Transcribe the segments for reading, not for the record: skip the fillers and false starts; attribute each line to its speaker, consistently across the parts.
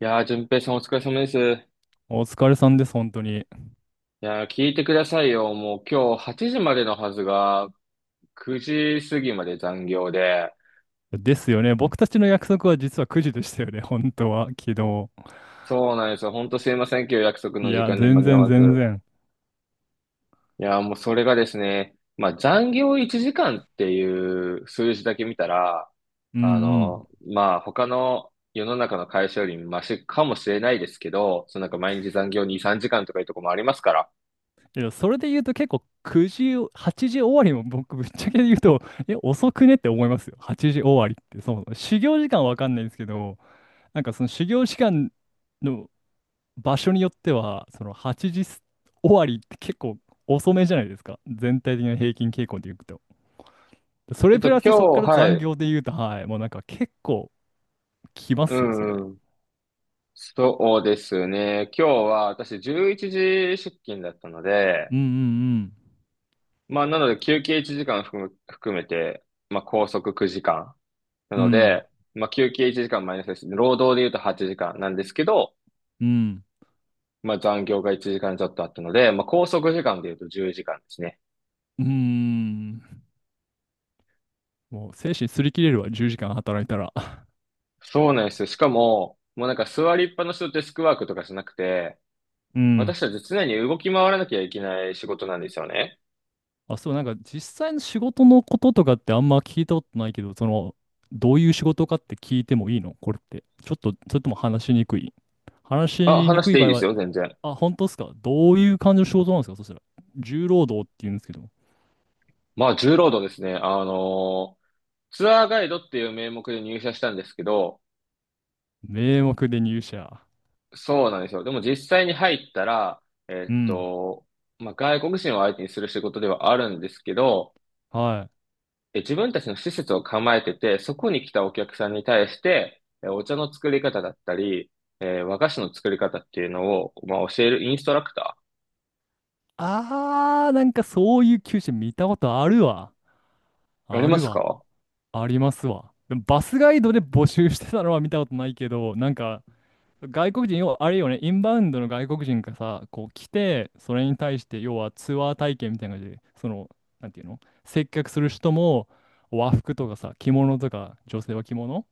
Speaker 1: いやー、淳平さんお疲れ様です。い
Speaker 2: お疲れさんです、本当に。
Speaker 1: やー、聞いてくださいよ。もう今日8時までのはずが、9時過ぎまで残業で。
Speaker 2: ですよね。僕たちの約束は実は9時でしたよね、本当は、昨日。
Speaker 1: そうなんですよ。ほんとすいません。今日約束
Speaker 2: い
Speaker 1: の時
Speaker 2: や、
Speaker 1: 間に間
Speaker 2: 全
Speaker 1: に合
Speaker 2: 然
Speaker 1: わ
Speaker 2: 全
Speaker 1: ず。
Speaker 2: 然。
Speaker 1: いやー、もうそれがですね、まあ残業1時間っていう数字だけ見たら、
Speaker 2: うんうん。
Speaker 1: まあ他の世の中の会社よりマシかもしれないですけど、そのなんか毎日残業2、3時間とかいうとこもありますから。
Speaker 2: いや、それで言うと結構9時、8時終わりも僕、ぶっちゃけ言うと、え、遅くねって思いますよ。8時終わりって。そう、修行時間わかんないんですけど、なんかその修行時間の場所によっては、その8時終わりって結構遅めじゃないですか。全体的な平均傾向で言うと。それプラスそこか
Speaker 1: 今日、
Speaker 2: ら
Speaker 1: は
Speaker 2: 残
Speaker 1: い。
Speaker 2: 業で言うと、はい、もうなんか結構、きま
Speaker 1: う
Speaker 2: すよ、それ。
Speaker 1: んそうですね。今日は私11時出勤だったの
Speaker 2: う
Speaker 1: で、
Speaker 2: んうん
Speaker 1: まあなので休憩1時間含めて、まあ拘束9時間。な
Speaker 2: う
Speaker 1: の
Speaker 2: ん。
Speaker 1: で、まあ休憩1時間マイナスですね。労働で言うと8時間なんですけど、
Speaker 2: うんうん。
Speaker 1: まあ残業が1時間ちょっとあったので、まあ拘束時間で言うと10時間ですね。
Speaker 2: うーん。もう精神すり切れるわ、10時間働いたら。
Speaker 1: そうなんですよ。しかも、もうなんか座りっぱなしのデスクワークとかじゃなくて、
Speaker 2: うん。
Speaker 1: 私たち常に動き回らなきゃいけない仕事なんですよね。
Speaker 2: あ、そう、なんか実際の仕事のこととかってあんま聞いたことないけど、どういう仕事かって聞いてもいいのこれって。ちょっと、それとも話しにくい話
Speaker 1: あ、
Speaker 2: しに
Speaker 1: 話し
Speaker 2: くい
Speaker 1: ていい
Speaker 2: 場合
Speaker 1: です
Speaker 2: は、
Speaker 1: よ、全然。
Speaker 2: あ、本当ですか？どういう感じの仕事なんですかそしたら。重労働って言うんですけど、
Speaker 1: まあ、重労働ですね。ツアーガイドっていう名目で入社したんですけど、
Speaker 2: 名目で入社。
Speaker 1: そうなんですよ。でも実際に入ったら、え
Speaker 2: う
Speaker 1: っ
Speaker 2: ん。
Speaker 1: と、まあ、外国人を相手にする仕事ではあるんですけど、
Speaker 2: はい。
Speaker 1: え自分たちの施設を構えてて、そこに来たお客さんに対して、えお茶の作り方だったり、えー和菓子の作り方っていうのを、まあ、教えるインストラクタ
Speaker 2: あー、なんかそういう求人見たことあるわ。
Speaker 1: ー。あり
Speaker 2: あ
Speaker 1: ま
Speaker 2: る
Speaker 1: す
Speaker 2: わ。
Speaker 1: か
Speaker 2: ありますわ。でもバスガイドで募集してたのは見たことないけど、なんか、外国人、要はあれよね、インバウンドの外国人がさ、こう来て、それに対して、要はツアー体験みたいな感じで、なんていうの、接客する人も、和服とかさ、着物とか、女性は着物、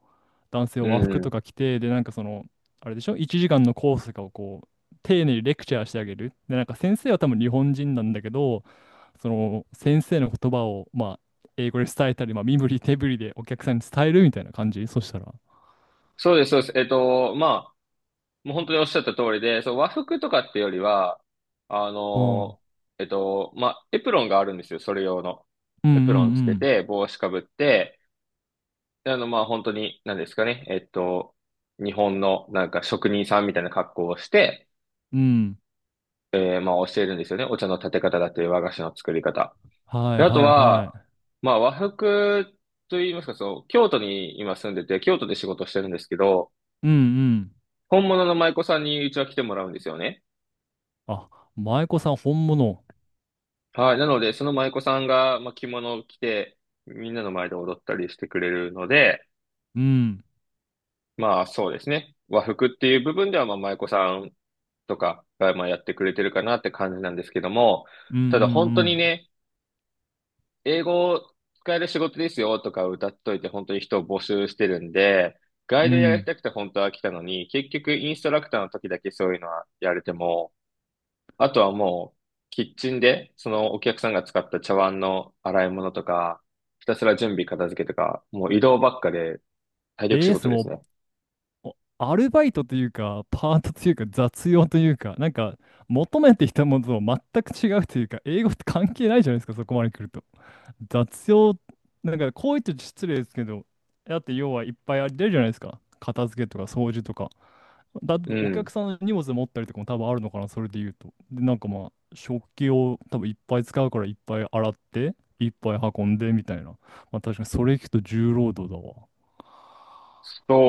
Speaker 2: 男性
Speaker 1: う
Speaker 2: を和服と
Speaker 1: ん。
Speaker 2: か着て、で、なんかその、あれでしょ ?1 時間のコースとかをこう、丁寧にレクチャーしてあげる。で、なんか先生は多分日本人なんだけど、その先生の言葉を、まあ、英語で伝えたり、まあ、身振り手振りでお客さんに伝えるみたいな感じそしたら。
Speaker 1: そうです、そうです。まあ、もう本当におっしゃった通りで、そう、和服とかってよりは、あ
Speaker 2: うん。うん
Speaker 1: のまあ、エプロンがあるんですよ、それ用の。
Speaker 2: う
Speaker 1: エプロンつけ
Speaker 2: ん
Speaker 1: て、帽子かぶって、であの、まあ、本当に、何ですかね、日本のなんか職人さんみたいな格好をして、
Speaker 2: うん。うん。
Speaker 1: えーまあ、教えるんですよね。お茶の立て方だっいう和菓子の作り方。
Speaker 2: は
Speaker 1: で
Speaker 2: い
Speaker 1: あと
Speaker 2: はいは
Speaker 1: は、
Speaker 2: い。
Speaker 1: まあ、和服と言いますか、そう、京都に今住んでて、京都で仕事してるんですけど、
Speaker 2: うんうん。
Speaker 1: 本物の舞妓さんにうちは来てもらうんですよね。
Speaker 2: あ、舞妓さん本物。
Speaker 1: はい。なので、その舞妓さんが、まあ、着物を着て、みんなの前で踊ったりしてくれるので、
Speaker 2: うん。
Speaker 1: まあそうですね。和服っていう部分では、まあ舞妓さんとかが、まあ、やってくれてるかなって感じなんですけども、
Speaker 2: うん
Speaker 1: ただ本当
Speaker 2: う
Speaker 1: に
Speaker 2: ん
Speaker 1: ね、英語を使える仕事ですよとか歌っといて、本当に人を募集してるんで、ガ
Speaker 2: う
Speaker 1: イ
Speaker 2: ん。う
Speaker 1: ドやり
Speaker 2: ん。
Speaker 1: たくて本当は来たのに、結局インストラクターの時だけそういうのはやれても、あとはもう、キッチンで、そのお客さんが使った茶碗の洗い物とか、ひたすら準備片付けとか、もう移動ばっかで体力仕
Speaker 2: そ
Speaker 1: 事
Speaker 2: れ
Speaker 1: です
Speaker 2: も
Speaker 1: ね。
Speaker 2: おアルバイトというか、パートというか、雑用というか、なんか、求めてきたものと全く違うというか、英語って関係ないじゃないですか、そこまで来ると。雑用、なんか、こう言って失礼ですけど、だって要はいっぱいあり出るじゃないですか。片付けとか掃除とか。だって
Speaker 1: う
Speaker 2: お客
Speaker 1: ん。
Speaker 2: さんの荷物持ったりとかも多分あるのかな、それで言うと。で、なんかまあ、食器を多分いっぱい使うからいっぱい洗って、いっぱい運んでみたいな。まあ確かにそれ聞くと重労働だわ。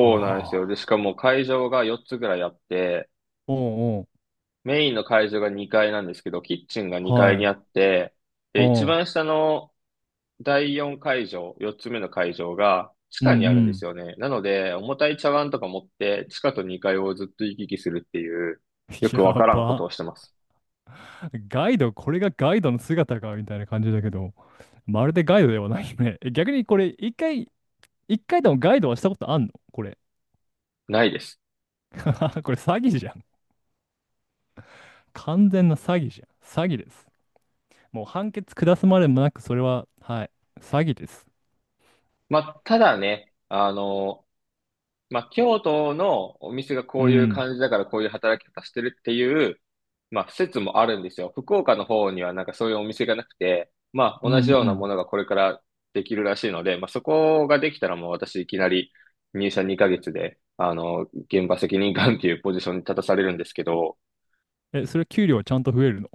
Speaker 2: あ
Speaker 1: うなんですよ。で、しか
Speaker 2: あ。
Speaker 1: も会場が4つぐらいあって、
Speaker 2: おう
Speaker 1: メインの会場が2階なんですけど、キッチンが2階に
Speaker 2: は
Speaker 1: あ
Speaker 2: い。
Speaker 1: って、
Speaker 2: う
Speaker 1: で、一
Speaker 2: ん。
Speaker 1: 番下の第4会場、4つ目の会場が地
Speaker 2: うんう
Speaker 1: 下にあるんですよ
Speaker 2: ん。
Speaker 1: ね。なので、重たい茶碗とか持って、地下と2階をずっと行き来するっていう、よ くわ
Speaker 2: や
Speaker 1: からんこと
Speaker 2: ば。
Speaker 1: をしてます。
Speaker 2: ガイド、これがガイドの姿かみたいな感じだけど、まるでガイドではないね。逆にこれ、一回でもガイドはしたことあんのこれ。
Speaker 1: ないです。
Speaker 2: これ詐欺じゃん。完全な詐欺じゃん。詐欺です。もう判決下すまでもなく、それは、はい。詐欺です。
Speaker 1: まあ、ただね、まあ、京都のお店が
Speaker 2: う
Speaker 1: こういう
Speaker 2: ん。
Speaker 1: 感じだからこういう働き方してるっていう、まあ、説もあるんですよ。福岡の方にはなんかそういうお店がなくて、まあ、
Speaker 2: う
Speaker 1: 同じようなも
Speaker 2: ん
Speaker 1: のがこれからできるらしいので、まあ、そこができたらもう私いきなり入社2ヶ月で、現場責任官っていうポジションに立たされるんですけど、
Speaker 2: うん。え、それ給料はちゃんと増えるの？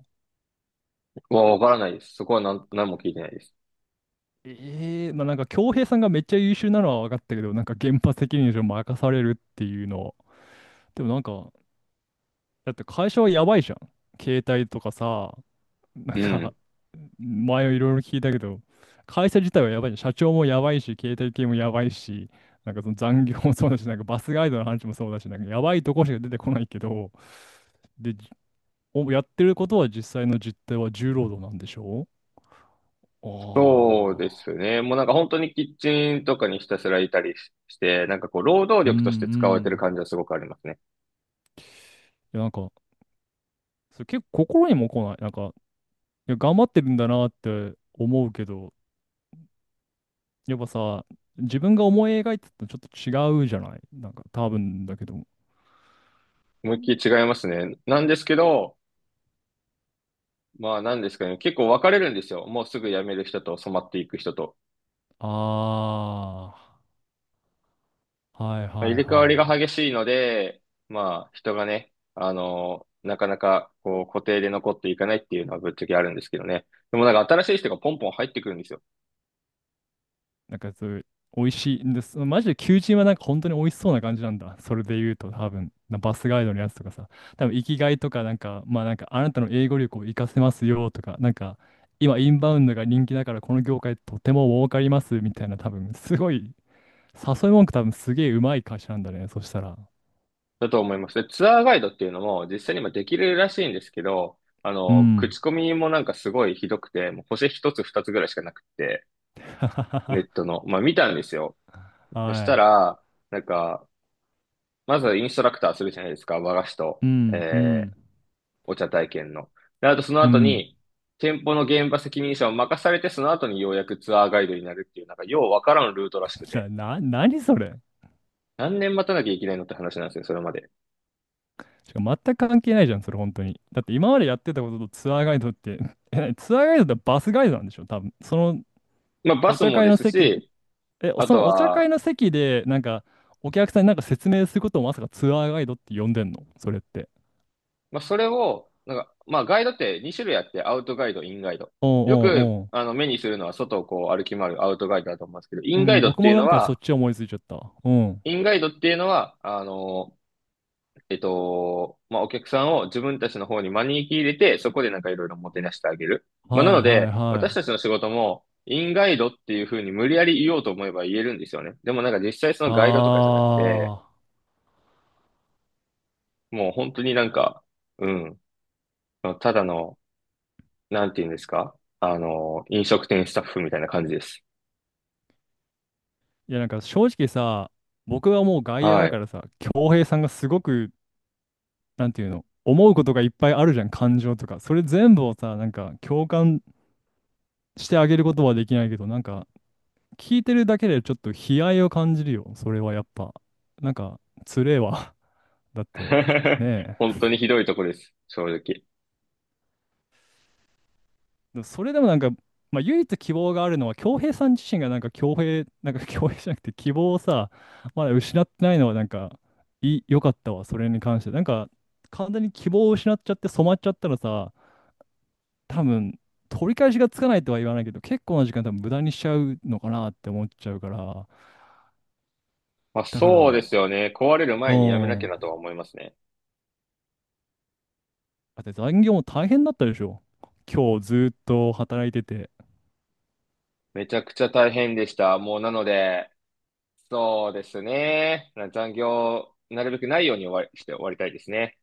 Speaker 1: もうわからないです。そこは何、何も聞いてないです。
Speaker 2: ええ、まあなんか、恭平さんがめっちゃ優秀なのは分かったけど、なんか、現場責任者任されるっていうのは、でもなんか、だって会社はやばいじゃん。携帯とかさ、なん
Speaker 1: う
Speaker 2: か、
Speaker 1: ん。
Speaker 2: 前いろいろ聞いたけど、会社自体はやばいじゃん。社長もやばいし、携帯系もやばいし、なんかその残業もそうだし、なんかバスガイドの話もそうだし、なんかやばいとこしか出てこないけど、で、おやってることは実際の実態は重労働なんでしょう？
Speaker 1: そうです
Speaker 2: ああ
Speaker 1: ね。もうなんか本当にキッチンとかにひたすらいたりしして、なんかこう労働
Speaker 2: ー。うんう
Speaker 1: 力として使われてる
Speaker 2: ん。
Speaker 1: 感じはすごくありますね。
Speaker 2: いや、なんか、それ結構心にも来ない。なんか、いや、頑張ってるんだなって思うけど、やっぱさ、自分が思い描いてたのとちょっと違うじゃないなんか多分だけど。
Speaker 1: 思いっきり違いますね。なんですけど、まあなんですかね。結構分かれるんですよ。もうすぐ辞める人と染まっていく人と。
Speaker 2: ああ、はい
Speaker 1: まあ、入
Speaker 2: はい
Speaker 1: れ替わり
Speaker 2: は
Speaker 1: が
Speaker 2: い。
Speaker 1: 激しいので、まあ人がね、なかなかこう固定で残っていかないっていうのはぶっちゃけあるんですけどね。でもなんか新しい人がポンポン入ってくるんですよ。
Speaker 2: なんかそういう、美味しいんです。マジで求人はなんか本当に美味しそうな感じなんだ。それで言うと多分、バスガイドのやつとかさ、多分生きがいとかなんか、まあなんかあなたの英語力を活かせますよとか、なんか今インバウンドが人気だからこの業界とても儲かりますみたいな多分、すごい、誘い文句多分すげえうまい会社なんだね。そしたら。
Speaker 1: だと思います。で、ツアーガイドっていうのも実際に今できるらしいんですけど、
Speaker 2: うん。
Speaker 1: 口コミもなんかすごいひどくて、もう星一つ二つぐらいしかなくて、ネッ トの。まあ見たんですよ。そし
Speaker 2: は
Speaker 1: た
Speaker 2: い。
Speaker 1: ら、なんか、まずインストラクターするじゃないですか。和菓子と、
Speaker 2: うん、う
Speaker 1: え
Speaker 2: ん、
Speaker 1: ー、お茶体験の。で、あとその
Speaker 2: う
Speaker 1: 後
Speaker 2: ん。
Speaker 1: に、店舗の現場責任者を任されて、その後にようやくツアーガイドになるっていう、なんかようわからんルートらしくて、
Speaker 2: 何それ？
Speaker 1: 何年待たなきゃいけないのって話なんですよ、それまで。
Speaker 2: しかも全く関係ないじゃん、それ本当に。だって今までやってたこととツアーガイドって、え、ツアーガイドってバスガイドなんでしょ多分。その
Speaker 1: まあバ
Speaker 2: お
Speaker 1: ス
Speaker 2: 茶
Speaker 1: も
Speaker 2: 会
Speaker 1: で
Speaker 2: の
Speaker 1: す
Speaker 2: 席、
Speaker 1: し、
Speaker 2: え、
Speaker 1: あ
Speaker 2: そ
Speaker 1: と
Speaker 2: のお茶
Speaker 1: は、
Speaker 2: 会の席で、なんか、お客さんになんか説明することをまさかツアーガイドって呼んでんのそれって。
Speaker 1: まあ、それを、なんか、まあ、ガイドって2種類あって、アウトガイド、インガイド。
Speaker 2: おう
Speaker 1: よく、
Speaker 2: おうお
Speaker 1: 目にするのは、外をこう歩き回るアウトガイドだと思うんですけど、イ
Speaker 2: う。う
Speaker 1: ンガイ
Speaker 2: ん、
Speaker 1: ドっ
Speaker 2: 僕
Speaker 1: てい
Speaker 2: も
Speaker 1: う
Speaker 2: な
Speaker 1: の
Speaker 2: んかそっ
Speaker 1: は、
Speaker 2: ち思いついちゃった。うん。
Speaker 1: インガイドっていうのは、あの、えっと、まあ、お客さんを自分たちの方に招き入れて、そこでなんかいろいろもてなしてあげる。まあ、な
Speaker 2: はい
Speaker 1: の
Speaker 2: はい
Speaker 1: で、
Speaker 2: は
Speaker 1: 私たちの
Speaker 2: い。
Speaker 1: 仕事も、インガイドっていうふうに無理やり言おうと思えば言えるんですよね。でもなんか実際そ
Speaker 2: あ
Speaker 1: のガイドとかじゃなくて、
Speaker 2: あ。
Speaker 1: もう本当になんか、うん、ただのなんて言うんですか飲食店スタッフみたいな感じです。
Speaker 2: いやなんか正直さ、僕はもう外野
Speaker 1: は
Speaker 2: だか
Speaker 1: い。
Speaker 2: らさ、恭平さんがすごくなんていうの、思うことがいっぱいあるじゃん、感情とか。それ全部をさ、なんか共感してあげることはできないけど、なんか聞いてるだけでちょっと悲哀を感じるよ。それはやっぱ。なんか、つれえわ。だって、ね
Speaker 1: 本当にひどいとこです。正直。
Speaker 2: え。それでもなんか、まあ、唯一希望があるのは、恭平さん自身がなんか恭平じゃなくて希望をさ、まだ失ってないのはなんか、良かったわ、それに関して。なんか、完全に希望を失っちゃって染まっちゃったらさ、多分、取り返しがつかないとは言わないけど、結構な時間多分無駄にしちゃうのかなって思っちゃうから、
Speaker 1: まあ
Speaker 2: だか
Speaker 1: そうです
Speaker 2: ら、
Speaker 1: よね。壊れる
Speaker 2: う
Speaker 1: 前にやめなき
Speaker 2: ん。
Speaker 1: ゃなと
Speaker 2: だ
Speaker 1: は思いますね。
Speaker 2: って残業も大変だったでしょ。今日ずっと働いてて。
Speaker 1: めちゃくちゃ大変でした。もうなので、そうですね。な残業、なるべくないように終わりして終わりたいですね。